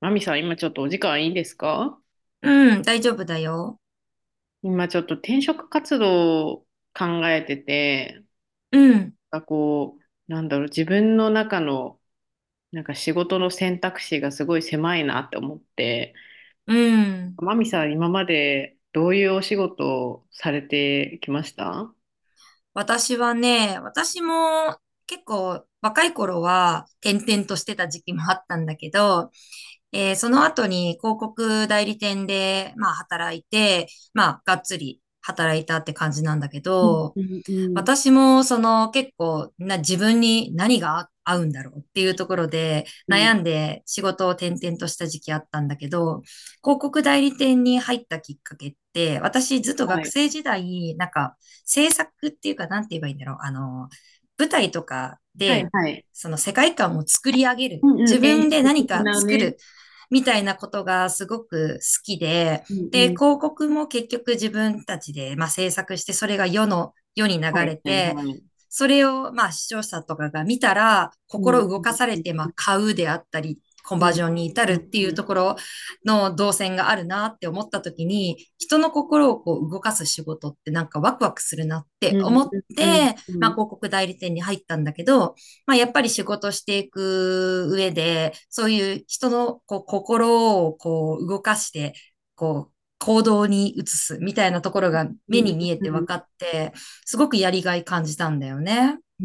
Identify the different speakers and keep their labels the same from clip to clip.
Speaker 1: マミさん、今ちょっとお時間いいですか？
Speaker 2: うん、大丈夫だよ。
Speaker 1: 今ちょっと転職活動を考えてて、
Speaker 2: うん、
Speaker 1: 自分の中の仕事の選択肢がすごい狭いなって思って、
Speaker 2: うん。
Speaker 1: マミさん、今までどういうお仕事をされてきました？
Speaker 2: 私はね、私も結構若い頃は転々としてた時期もあったんだけど、その後に広告代理店で、まあ働いて、まあがっつり働いたって感じなんだけ
Speaker 1: うん
Speaker 2: ど、
Speaker 1: うんうん
Speaker 2: 私もその結構な自分に何が合うんだろうっていうところで
Speaker 1: うん。
Speaker 2: 悩んで仕事を転々とした時期あったんだけど、広告代理店に入ったきっかけって、私ずっと
Speaker 1: は
Speaker 2: 学
Speaker 1: い。
Speaker 2: 生時代、なんか制作っていうかなんて言えばいいんだろう。舞台とか
Speaker 1: はい
Speaker 2: で
Speaker 1: はい。
Speaker 2: その世界観を作り上げる。
Speaker 1: うんう
Speaker 2: 自
Speaker 1: ん。
Speaker 2: 分
Speaker 1: 演
Speaker 2: で
Speaker 1: 出
Speaker 2: 何
Speaker 1: 的
Speaker 2: か
Speaker 1: な
Speaker 2: 作
Speaker 1: ね。
Speaker 2: る。みたいなことがすごく好きで、
Speaker 1: うん
Speaker 2: で、
Speaker 1: うん。
Speaker 2: 広告も結局自分たちで、まあ、制作して、それが世に流
Speaker 1: はい
Speaker 2: れ
Speaker 1: はい
Speaker 2: て、
Speaker 1: はい。
Speaker 2: それを、まあ、視聴者とかが見たら、
Speaker 1: うん
Speaker 2: 心
Speaker 1: う
Speaker 2: 動
Speaker 1: ん
Speaker 2: かされ
Speaker 1: う
Speaker 2: て、ま
Speaker 1: ん
Speaker 2: あ、買うであったり、コンバー
Speaker 1: うん
Speaker 2: ジョンに至る
Speaker 1: う
Speaker 2: っ
Speaker 1: ん
Speaker 2: てい
Speaker 1: う
Speaker 2: う
Speaker 1: ん
Speaker 2: ところの動線があるなって思った時に、人の心をこう動かす仕事ってなんかワクワクするなって
Speaker 1: うん
Speaker 2: 思って、
Speaker 1: うんうんうん
Speaker 2: まあ、
Speaker 1: うん
Speaker 2: 広告代理店に入ったんだけど、まあ、やっぱり仕事していく上で、そういう人のこう心をこう動かして、こう行動に移すみたいなところが
Speaker 1: う
Speaker 2: 目
Speaker 1: ん
Speaker 2: に見え
Speaker 1: う
Speaker 2: て分
Speaker 1: ん
Speaker 2: かって、すごくやりがい感じたんだよね。
Speaker 1: う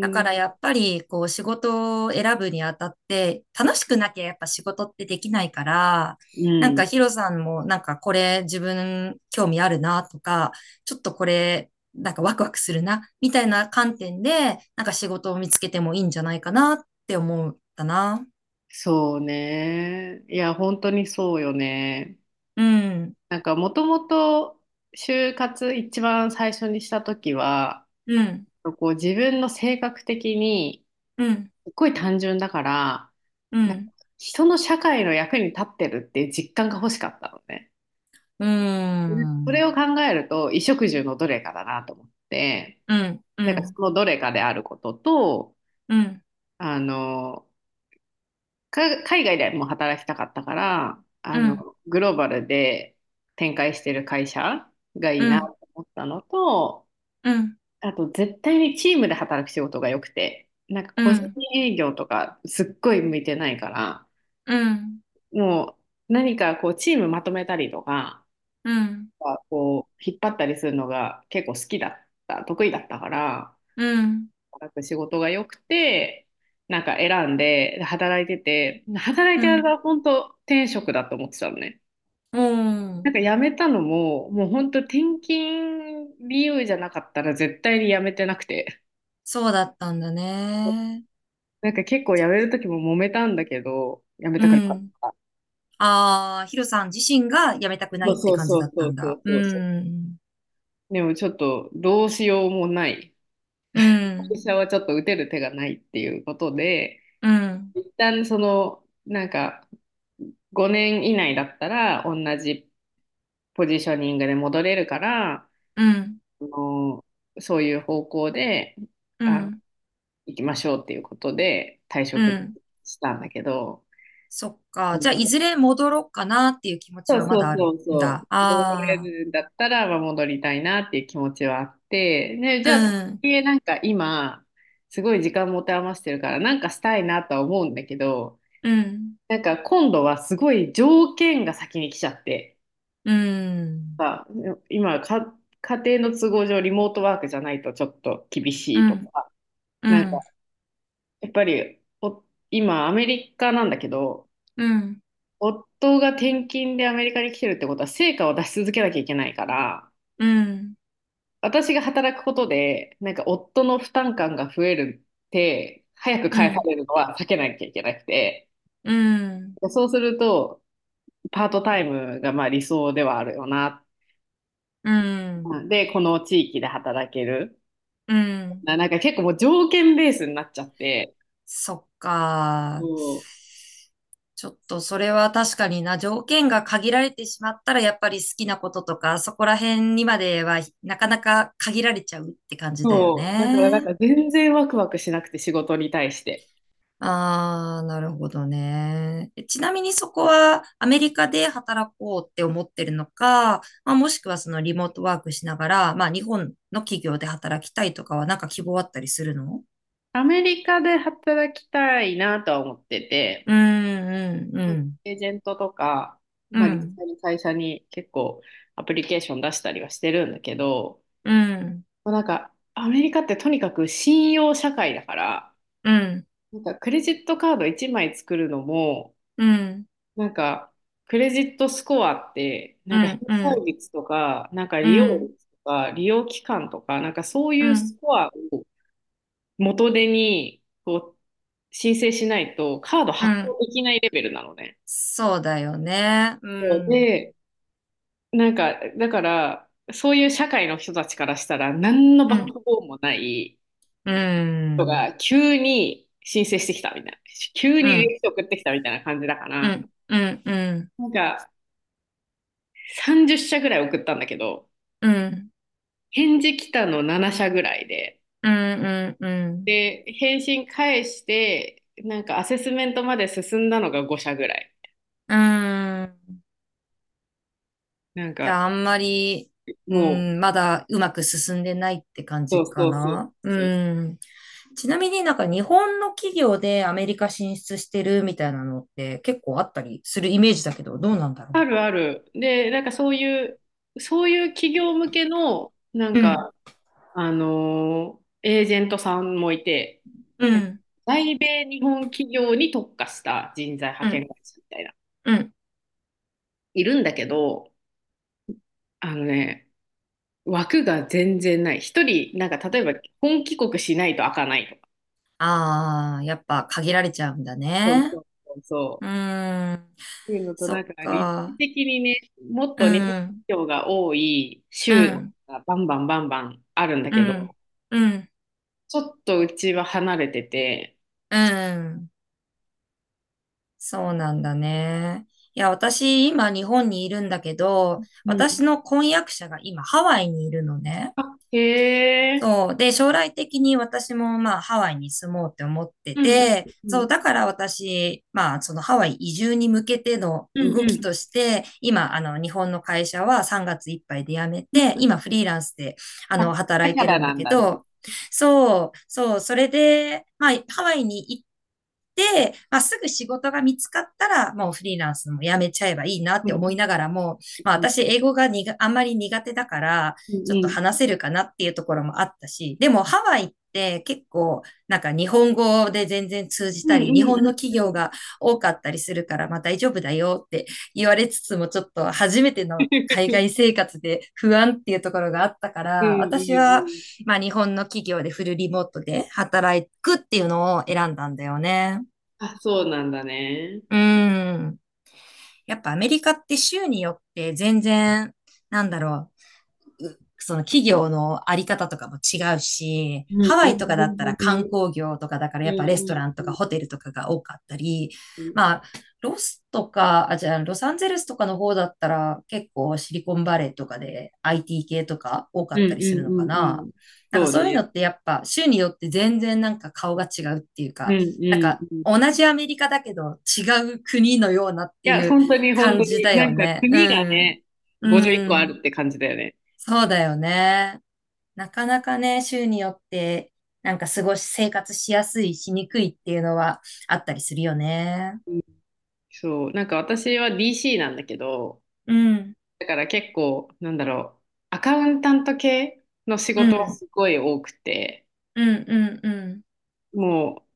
Speaker 2: だからやっぱり、こう、仕事を選ぶにあたって、楽しくなきゃやっぱ仕事ってできないから、
Speaker 1: うん、
Speaker 2: なん
Speaker 1: う
Speaker 2: か
Speaker 1: ん。
Speaker 2: ヒロさんも、なんかこれ自分興味あるなとか、ちょっとこれ、なんかワクワクするな、みたいな観点で、なんか仕事を見つけてもいいんじゃないかなって思ったな。
Speaker 1: そうね。いや、本当にそうよね。
Speaker 2: うん、
Speaker 1: もともと就活一番最初にした時は、
Speaker 2: うん、
Speaker 1: こう自分の性格的に
Speaker 2: うん、
Speaker 1: すっごい単純だから、
Speaker 2: う
Speaker 1: なんか
Speaker 2: ん、
Speaker 1: 人の社会の役に立ってるっていう実感が欲しかったのね。
Speaker 2: うん、う
Speaker 1: それ
Speaker 2: ん、
Speaker 1: を考えると、衣食住のどれかだなと思って、
Speaker 2: うん、う
Speaker 1: そ
Speaker 2: ん、
Speaker 1: のどれかであることと、
Speaker 2: うん、
Speaker 1: あの、海外でも働きたかったから、
Speaker 2: う
Speaker 1: あ
Speaker 2: ん、
Speaker 1: の、グローバルで展開してる会社がいい
Speaker 2: う
Speaker 1: な
Speaker 2: ん、
Speaker 1: と思ったのと、
Speaker 2: う
Speaker 1: あと絶対にチームで働く仕事が良くて、個人
Speaker 2: ん、
Speaker 1: 営業とかすっごい向いてないから、
Speaker 2: うん。
Speaker 1: もう何かこうチームまとめたりとか、
Speaker 2: うん、
Speaker 1: こう引っ張ったりするのが結構好きだった、得意だったから、
Speaker 2: うん、
Speaker 1: 働く仕事が良くて、なんか選んで、で働いてて、働い
Speaker 2: う
Speaker 1: てる間
Speaker 2: ん、
Speaker 1: は本当天職だと思ってたのね。
Speaker 2: う
Speaker 1: なん
Speaker 2: ん。
Speaker 1: か辞めたのも、もう本当転勤理由じゃなかったら絶対に辞めてなくて。
Speaker 2: そうだったんだね。
Speaker 1: なんか結構辞める時も揉めたんだけど、辞め
Speaker 2: う
Speaker 1: たくなかっ
Speaker 2: ん。
Speaker 1: た。
Speaker 2: ああ、ヒロさん自身が辞めたくな
Speaker 1: そ
Speaker 2: い
Speaker 1: う
Speaker 2: って
Speaker 1: そう
Speaker 2: 感
Speaker 1: そ
Speaker 2: じ
Speaker 1: う
Speaker 2: だった
Speaker 1: そう
Speaker 2: ん
Speaker 1: そ
Speaker 2: だ。
Speaker 1: う
Speaker 2: う
Speaker 1: そうそ
Speaker 2: ん、
Speaker 1: う。でもちょっとどうしようもない。
Speaker 2: う
Speaker 1: 会
Speaker 2: ん、
Speaker 1: 社はちょっと打てる手がないっていうことで、
Speaker 2: うん、
Speaker 1: 一旦、5年以内だったら同じポジショニングで戻れるから、
Speaker 2: うん、
Speaker 1: あのそういう方向で、
Speaker 2: う
Speaker 1: あの、
Speaker 2: ん、
Speaker 1: 行きましょうっていうことで退
Speaker 2: う
Speaker 1: 職
Speaker 2: ん。
Speaker 1: したんだけど、
Speaker 2: そっ
Speaker 1: う
Speaker 2: か。じ
Speaker 1: ん。
Speaker 2: ゃあ、いずれ戻ろうかなっていう気持
Speaker 1: そ
Speaker 2: ち
Speaker 1: う
Speaker 2: はま
Speaker 1: そ
Speaker 2: だ
Speaker 1: う
Speaker 2: ある
Speaker 1: そう
Speaker 2: ん
Speaker 1: そ
Speaker 2: だ。
Speaker 1: う、戻れ
Speaker 2: ああ、
Speaker 1: るんだったら、まあ、戻りたいなっていう気持ちはあって、で、じ
Speaker 2: う
Speaker 1: ゃあ、
Speaker 2: ん、
Speaker 1: えなんか今、すごい時間持て余してるから、なんかしたいなとは思うんだけど、
Speaker 2: うん、
Speaker 1: なんか今度はすごい条件が先に来ちゃって。
Speaker 2: うん、
Speaker 1: さ、今か、家庭の都合上リモートワークじゃないとちょっと厳し
Speaker 2: う
Speaker 1: いと
Speaker 2: ん、
Speaker 1: か、
Speaker 2: う
Speaker 1: なん
Speaker 2: ん、
Speaker 1: か、やっぱり、お、今、アメリカなんだけど、
Speaker 2: うん、うん、
Speaker 1: 夫が転勤でアメリカに来てるってことは、成果を出し続けなきゃいけないから、
Speaker 2: うん、
Speaker 1: 私が働くことで、なんか、夫の負担感が増えるって、早く
Speaker 2: う
Speaker 1: 返さ
Speaker 2: ん、
Speaker 1: れるのは避けなきゃいけなくて、そうすると、パートタイムがまあ理想ではあるよな。
Speaker 2: うん、
Speaker 1: で、この地域で働ける。
Speaker 2: うん。
Speaker 1: なんか結構もう条件ベースになっちゃって、
Speaker 2: そっ
Speaker 1: そ
Speaker 2: か。
Speaker 1: う。
Speaker 2: ちょっとそれは確かにな、条件が限られてしまったら、やっぱり好きなこととか、そこら辺にまではなかなか限られちゃうって感じだよ
Speaker 1: そう、だからなん
Speaker 2: ね。
Speaker 1: か全然ワクワクしなくて仕事に対して。
Speaker 2: ああ、なるほどね。えちなみにそこはアメリカで働こうって思ってるのか、まあ、もしくはそのリモートワークしながら、まあ日本の企業で働きたいとかはなんか希望あったりするの？
Speaker 1: アメリカで働きたいなとは思ってて、
Speaker 2: うん、うん、う
Speaker 1: なんか
Speaker 2: ん、
Speaker 1: エージェントとか、
Speaker 2: う
Speaker 1: まあ、実
Speaker 2: ん、
Speaker 1: 際に会社に結構アプリケーション出したりはしてるんだけど、
Speaker 2: うん、
Speaker 1: もうなんかアメリカってとにかく信用社会だから、
Speaker 2: うん。
Speaker 1: なんかクレジットカード1枚作るのも、
Speaker 2: うん、
Speaker 1: なんか、クレジットスコアって、
Speaker 2: う
Speaker 1: なんか返
Speaker 2: ん、う
Speaker 1: 済
Speaker 2: ん、
Speaker 1: 率とか、なんか
Speaker 2: う
Speaker 1: 利用
Speaker 2: ん、
Speaker 1: 率とか、利用期間とか、なんかそう
Speaker 2: う
Speaker 1: いうス
Speaker 2: ん、
Speaker 1: コアを元手にこう申請しないと、カード
Speaker 2: う
Speaker 1: 発
Speaker 2: ん。
Speaker 1: 行できないレベルなのね。
Speaker 2: そうだよね。
Speaker 1: そう
Speaker 2: うん、
Speaker 1: で、なんか、だから、そういう社会の人たちからしたら、何の
Speaker 2: う
Speaker 1: バッ
Speaker 2: ん、
Speaker 1: クボーンもない
Speaker 2: う
Speaker 1: 人
Speaker 2: ん、
Speaker 1: が急に申請してきたみたいな、急
Speaker 2: うん、
Speaker 1: に履
Speaker 2: うん、
Speaker 1: 歴書送ってきたみたいな感じだか
Speaker 2: う
Speaker 1: ら、
Speaker 2: ん、うん、うん、
Speaker 1: なんか30社ぐらい送ったんだけど、
Speaker 2: うん、
Speaker 1: 返事来たの7社ぐらいで、
Speaker 2: うん、うん。
Speaker 1: で、返信返して、なんかアセスメントまで進んだのが5社ぐらい。なん
Speaker 2: じ
Speaker 1: か、
Speaker 2: ゃあ、あんまり、う
Speaker 1: もう、
Speaker 2: ん、まだうまく進んでないって感
Speaker 1: そ
Speaker 2: じ
Speaker 1: うそ
Speaker 2: か
Speaker 1: うそう
Speaker 2: な。う
Speaker 1: そう。
Speaker 2: ん。ちなみになんか日本の企業でアメリカ進出してるみたいなのって結構あったりするイメージだけど、どうなんだろ
Speaker 1: あるある。で、なんかそういう、そういう企業向けの、なん
Speaker 2: う。うん、
Speaker 1: か、あのーエージェントさんもいて、
Speaker 2: う
Speaker 1: で
Speaker 2: ん、
Speaker 1: 在米日本企業に特化した人材派
Speaker 2: う
Speaker 1: 遣
Speaker 2: ん、
Speaker 1: 会社みたいな、
Speaker 2: うん。
Speaker 1: いるんだけど、あのね、枠が全然ない。一人、なんか例えば本帰国しないと開かないとか。
Speaker 2: ああ、やっぱ限られちゃうんだ
Speaker 1: そう
Speaker 2: ね。
Speaker 1: そうそうそ
Speaker 2: う
Speaker 1: う。
Speaker 2: ーん。
Speaker 1: っていうのと、
Speaker 2: そ
Speaker 1: なん
Speaker 2: っ
Speaker 1: か立地
Speaker 2: か。
Speaker 1: 的にね、もっ
Speaker 2: う
Speaker 1: と日本
Speaker 2: ん。
Speaker 1: 人が多い
Speaker 2: う
Speaker 1: 州
Speaker 2: ん。
Speaker 1: がバンバンバンバンあるんだ
Speaker 2: う
Speaker 1: けど、
Speaker 2: ん。うん。
Speaker 1: ちょっとうちは離れてて、
Speaker 2: うん。そうなんだね。いや、私、今、日本にいるんだけど、
Speaker 1: うん。
Speaker 2: 私の婚約者が今、ハワイにいるのね。
Speaker 1: あ、へえ。
Speaker 2: そう。で、将来的に私もまあハワイに住もうって思って
Speaker 1: うんうん
Speaker 2: て、
Speaker 1: う
Speaker 2: そ
Speaker 1: ん。
Speaker 2: う、だから私、まあそのハワイ移住に向けての
Speaker 1: うん
Speaker 2: 動
Speaker 1: う
Speaker 2: き
Speaker 1: ん。
Speaker 2: として、今、あの日本の会社は3月いっぱいで辞めて、
Speaker 1: うんうん。
Speaker 2: 今フリーランスであ
Speaker 1: あ、
Speaker 2: の働
Speaker 1: だ
Speaker 2: い
Speaker 1: か
Speaker 2: て
Speaker 1: ら
Speaker 2: るんだ
Speaker 1: なん
Speaker 2: け
Speaker 1: だね。
Speaker 2: ど、そう、そう、それで、まあハワイに行って、まあすぐ仕事が見つかったら、もうフリーランスも辞めちゃえばいいなっ
Speaker 1: う
Speaker 2: て
Speaker 1: んう
Speaker 2: 思い
Speaker 1: ん
Speaker 2: ながらも、まあ
Speaker 1: うん。
Speaker 2: 私英語があんまり苦手だから、
Speaker 1: うん
Speaker 2: ちょっ
Speaker 1: う
Speaker 2: と
Speaker 1: ん。
Speaker 2: 話せるかなっていうところもあったし、でもハワイって結構なんか日本語で全然通じ
Speaker 1: うん
Speaker 2: たり、日
Speaker 1: うんう
Speaker 2: 本の
Speaker 1: ん
Speaker 2: 企
Speaker 1: う
Speaker 2: 業
Speaker 1: ん。
Speaker 2: が多かったりするからまあ大丈夫だよって言われつつもちょっと初めての 海
Speaker 1: うん
Speaker 2: 外生活で不安っていうところがあったか
Speaker 1: うん
Speaker 2: ら、私は
Speaker 1: うん。
Speaker 2: まあ日本の企業でフルリモートで働くっていうのを選んだんだよね。
Speaker 1: あ、そうなんだね。
Speaker 2: うん。やっぱアメリカって州によって全然なんだろう、その企業のあり方とかも違うし、
Speaker 1: うん、
Speaker 2: ハワ
Speaker 1: う
Speaker 2: イと
Speaker 1: ん、
Speaker 2: かだった
Speaker 1: 本
Speaker 2: ら
Speaker 1: 当
Speaker 2: 観
Speaker 1: に。
Speaker 2: 光業とかだから
Speaker 1: う
Speaker 2: やっぱ
Speaker 1: ん、
Speaker 2: レス
Speaker 1: う
Speaker 2: ト
Speaker 1: ん、
Speaker 2: ラン
Speaker 1: う
Speaker 2: とか
Speaker 1: ん。
Speaker 2: ホテルとかが多かったり、
Speaker 1: うん、
Speaker 2: まあ、ロスとか、あ、じゃあ、ロサンゼルスとかの方だったら結構シリコンバレーとかで IT 系とか多か
Speaker 1: う
Speaker 2: った
Speaker 1: ん、
Speaker 2: り
Speaker 1: う
Speaker 2: するのか
Speaker 1: ん、う
Speaker 2: な。
Speaker 1: ん。
Speaker 2: なん
Speaker 1: そ
Speaker 2: か
Speaker 1: う
Speaker 2: そういう
Speaker 1: ね。
Speaker 2: のってやっぱ州によって全然なんか顔が違うっていう
Speaker 1: う
Speaker 2: か、
Speaker 1: ん、う
Speaker 2: なん
Speaker 1: ん、
Speaker 2: か
Speaker 1: うん。い
Speaker 2: 同じアメリカだけど違う国のようなってい
Speaker 1: や、
Speaker 2: う
Speaker 1: 本当に、本当
Speaker 2: 感じ
Speaker 1: に。
Speaker 2: だ
Speaker 1: な
Speaker 2: よ
Speaker 1: んか、
Speaker 2: ね。う
Speaker 1: 国が
Speaker 2: ん。
Speaker 1: ね、
Speaker 2: う
Speaker 1: 51個ある
Speaker 2: ん。
Speaker 1: って感じだよね。
Speaker 2: そうだよね。なかなかね、州によって、なんか過ごし、生活しやすい、しにくいっていうのはあったりするよね。
Speaker 1: うん、そう。なんか、私は DC なんだけど、
Speaker 2: うん、
Speaker 1: だから結構、なんだろう、アカウンタント系の仕
Speaker 2: う
Speaker 1: 事は
Speaker 2: ん、
Speaker 1: すごい多くて、
Speaker 2: うん、うん、うん、
Speaker 1: も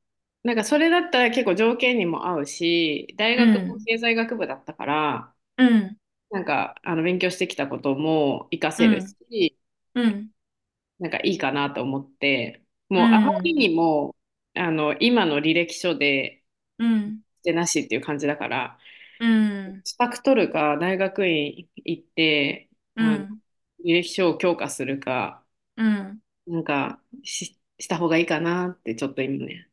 Speaker 1: う、なんかそれだったら結構条件にも合うし、大
Speaker 2: う
Speaker 1: 学も
Speaker 2: ん、
Speaker 1: 経済学部だったから、
Speaker 2: うん、
Speaker 1: あの、勉強してきたことも活か
Speaker 2: う
Speaker 1: せる
Speaker 2: ん、
Speaker 1: し、
Speaker 2: うん、
Speaker 1: なんかいいかなと思って、
Speaker 2: う
Speaker 1: もうあまり
Speaker 2: ん、
Speaker 1: にも、あの、今の履歴書で、
Speaker 2: うん、うん、
Speaker 1: してなしっていう感じだから、
Speaker 2: うん、
Speaker 1: 資格取るか、大学院行って、
Speaker 2: う
Speaker 1: あの、
Speaker 2: ん。
Speaker 1: 履歴書を強化するか、
Speaker 2: うん
Speaker 1: した方がいいかなって、ちょっと今ね。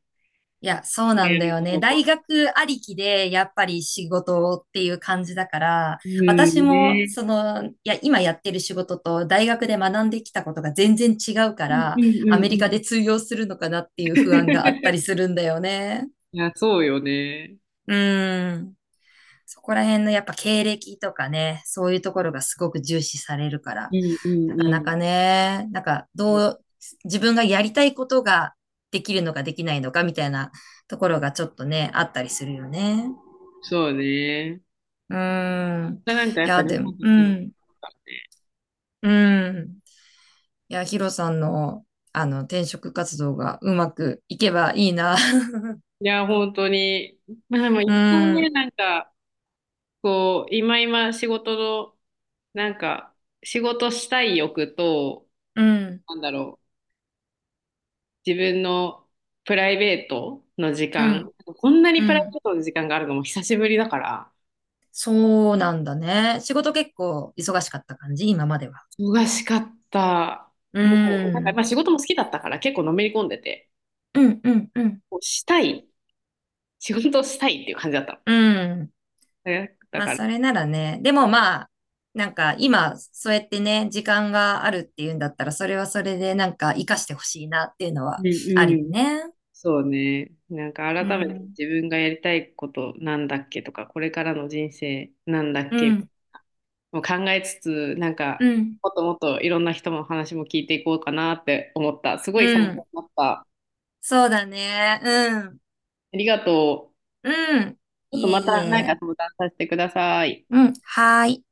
Speaker 2: いや、そうなんだ
Speaker 1: でう
Speaker 2: よね。大学ありきで、やっぱり仕事っていう感じだから、私
Speaker 1: ん
Speaker 2: も、
Speaker 1: ね。
Speaker 2: その、いや、今やってる仕事と大学で学んできたことが全然違うか
Speaker 1: うん
Speaker 2: ら、
Speaker 1: うんう
Speaker 2: ア
Speaker 1: ん
Speaker 2: メ
Speaker 1: う
Speaker 2: リカ
Speaker 1: ん。
Speaker 2: で通用するのかなっていう不安があったりす るんだよね。
Speaker 1: いや、そうよね。
Speaker 2: うん。そこら辺のやっぱ経歴とかね、そういうところがすごく重視されるか
Speaker 1: う
Speaker 2: ら、
Speaker 1: んう
Speaker 2: なかなか
Speaker 1: ん
Speaker 2: ね、なんか
Speaker 1: う
Speaker 2: ど
Speaker 1: ん。
Speaker 2: う、自分がやりたいことができるのかできないのかみたいなところがちょっとね、あったりするよね。
Speaker 1: そうね。
Speaker 2: うーん。
Speaker 1: がなんかや
Speaker 2: い
Speaker 1: っぱ
Speaker 2: や、
Speaker 1: 日
Speaker 2: で
Speaker 1: 本
Speaker 2: も、
Speaker 1: と
Speaker 2: う
Speaker 1: 全然違う
Speaker 2: ん、
Speaker 1: からね。
Speaker 2: うん。いや、ヒロさんの、転職活動がうまくいけばいいな。
Speaker 1: いや、本当に。まあでも
Speaker 2: う
Speaker 1: 一旦ね、
Speaker 2: ん、
Speaker 1: なんか、こう、今仕事の、なんか、仕事したい欲と、
Speaker 2: うん、
Speaker 1: なんだろう、自分のプライベートの時
Speaker 2: う
Speaker 1: 間、
Speaker 2: ん、
Speaker 1: こんな
Speaker 2: う
Speaker 1: にプライベ
Speaker 2: ん。
Speaker 1: ートの時間があるのも久しぶりだから、
Speaker 2: そうなんだね。仕事結構忙しかった感じ、今までは。
Speaker 1: 忙しかった。
Speaker 2: う
Speaker 1: もう、なんか、ま
Speaker 2: ん。
Speaker 1: あ仕事も好きだったから結構のめり込んでて、
Speaker 2: うんうんうん。
Speaker 1: こうしたい、仕事したいっていう感じだった
Speaker 2: うん。
Speaker 1: の。だ
Speaker 2: まあ、
Speaker 1: から
Speaker 2: それならね。でもまあ、なんか今、そうやってね、時間があるっていうんだったら、それはそれでなんか活かしてほしいなっていうの
Speaker 1: う
Speaker 2: は
Speaker 1: ん
Speaker 2: あ
Speaker 1: う
Speaker 2: るよ
Speaker 1: ん。
Speaker 2: ね。
Speaker 1: そうね。なんか
Speaker 2: う
Speaker 1: 改めて
Speaker 2: ん。
Speaker 1: 自分がやりたいことなんだっけとか、これからの人生なんだっ
Speaker 2: う
Speaker 1: け
Speaker 2: ん、
Speaker 1: もう考えつつ、なん
Speaker 2: う
Speaker 1: か
Speaker 2: ん、
Speaker 1: もっともっといろんな人の話も聞いていこうかなって思った。すごい参
Speaker 2: うん。
Speaker 1: 考になった。
Speaker 2: そうだね。うん。
Speaker 1: ありがとう。
Speaker 2: うん。
Speaker 1: ちょっ
Speaker 2: い
Speaker 1: と
Speaker 2: え
Speaker 1: ま
Speaker 2: い
Speaker 1: た何か
Speaker 2: え。
Speaker 1: 相談させてください。
Speaker 2: うん。はーい。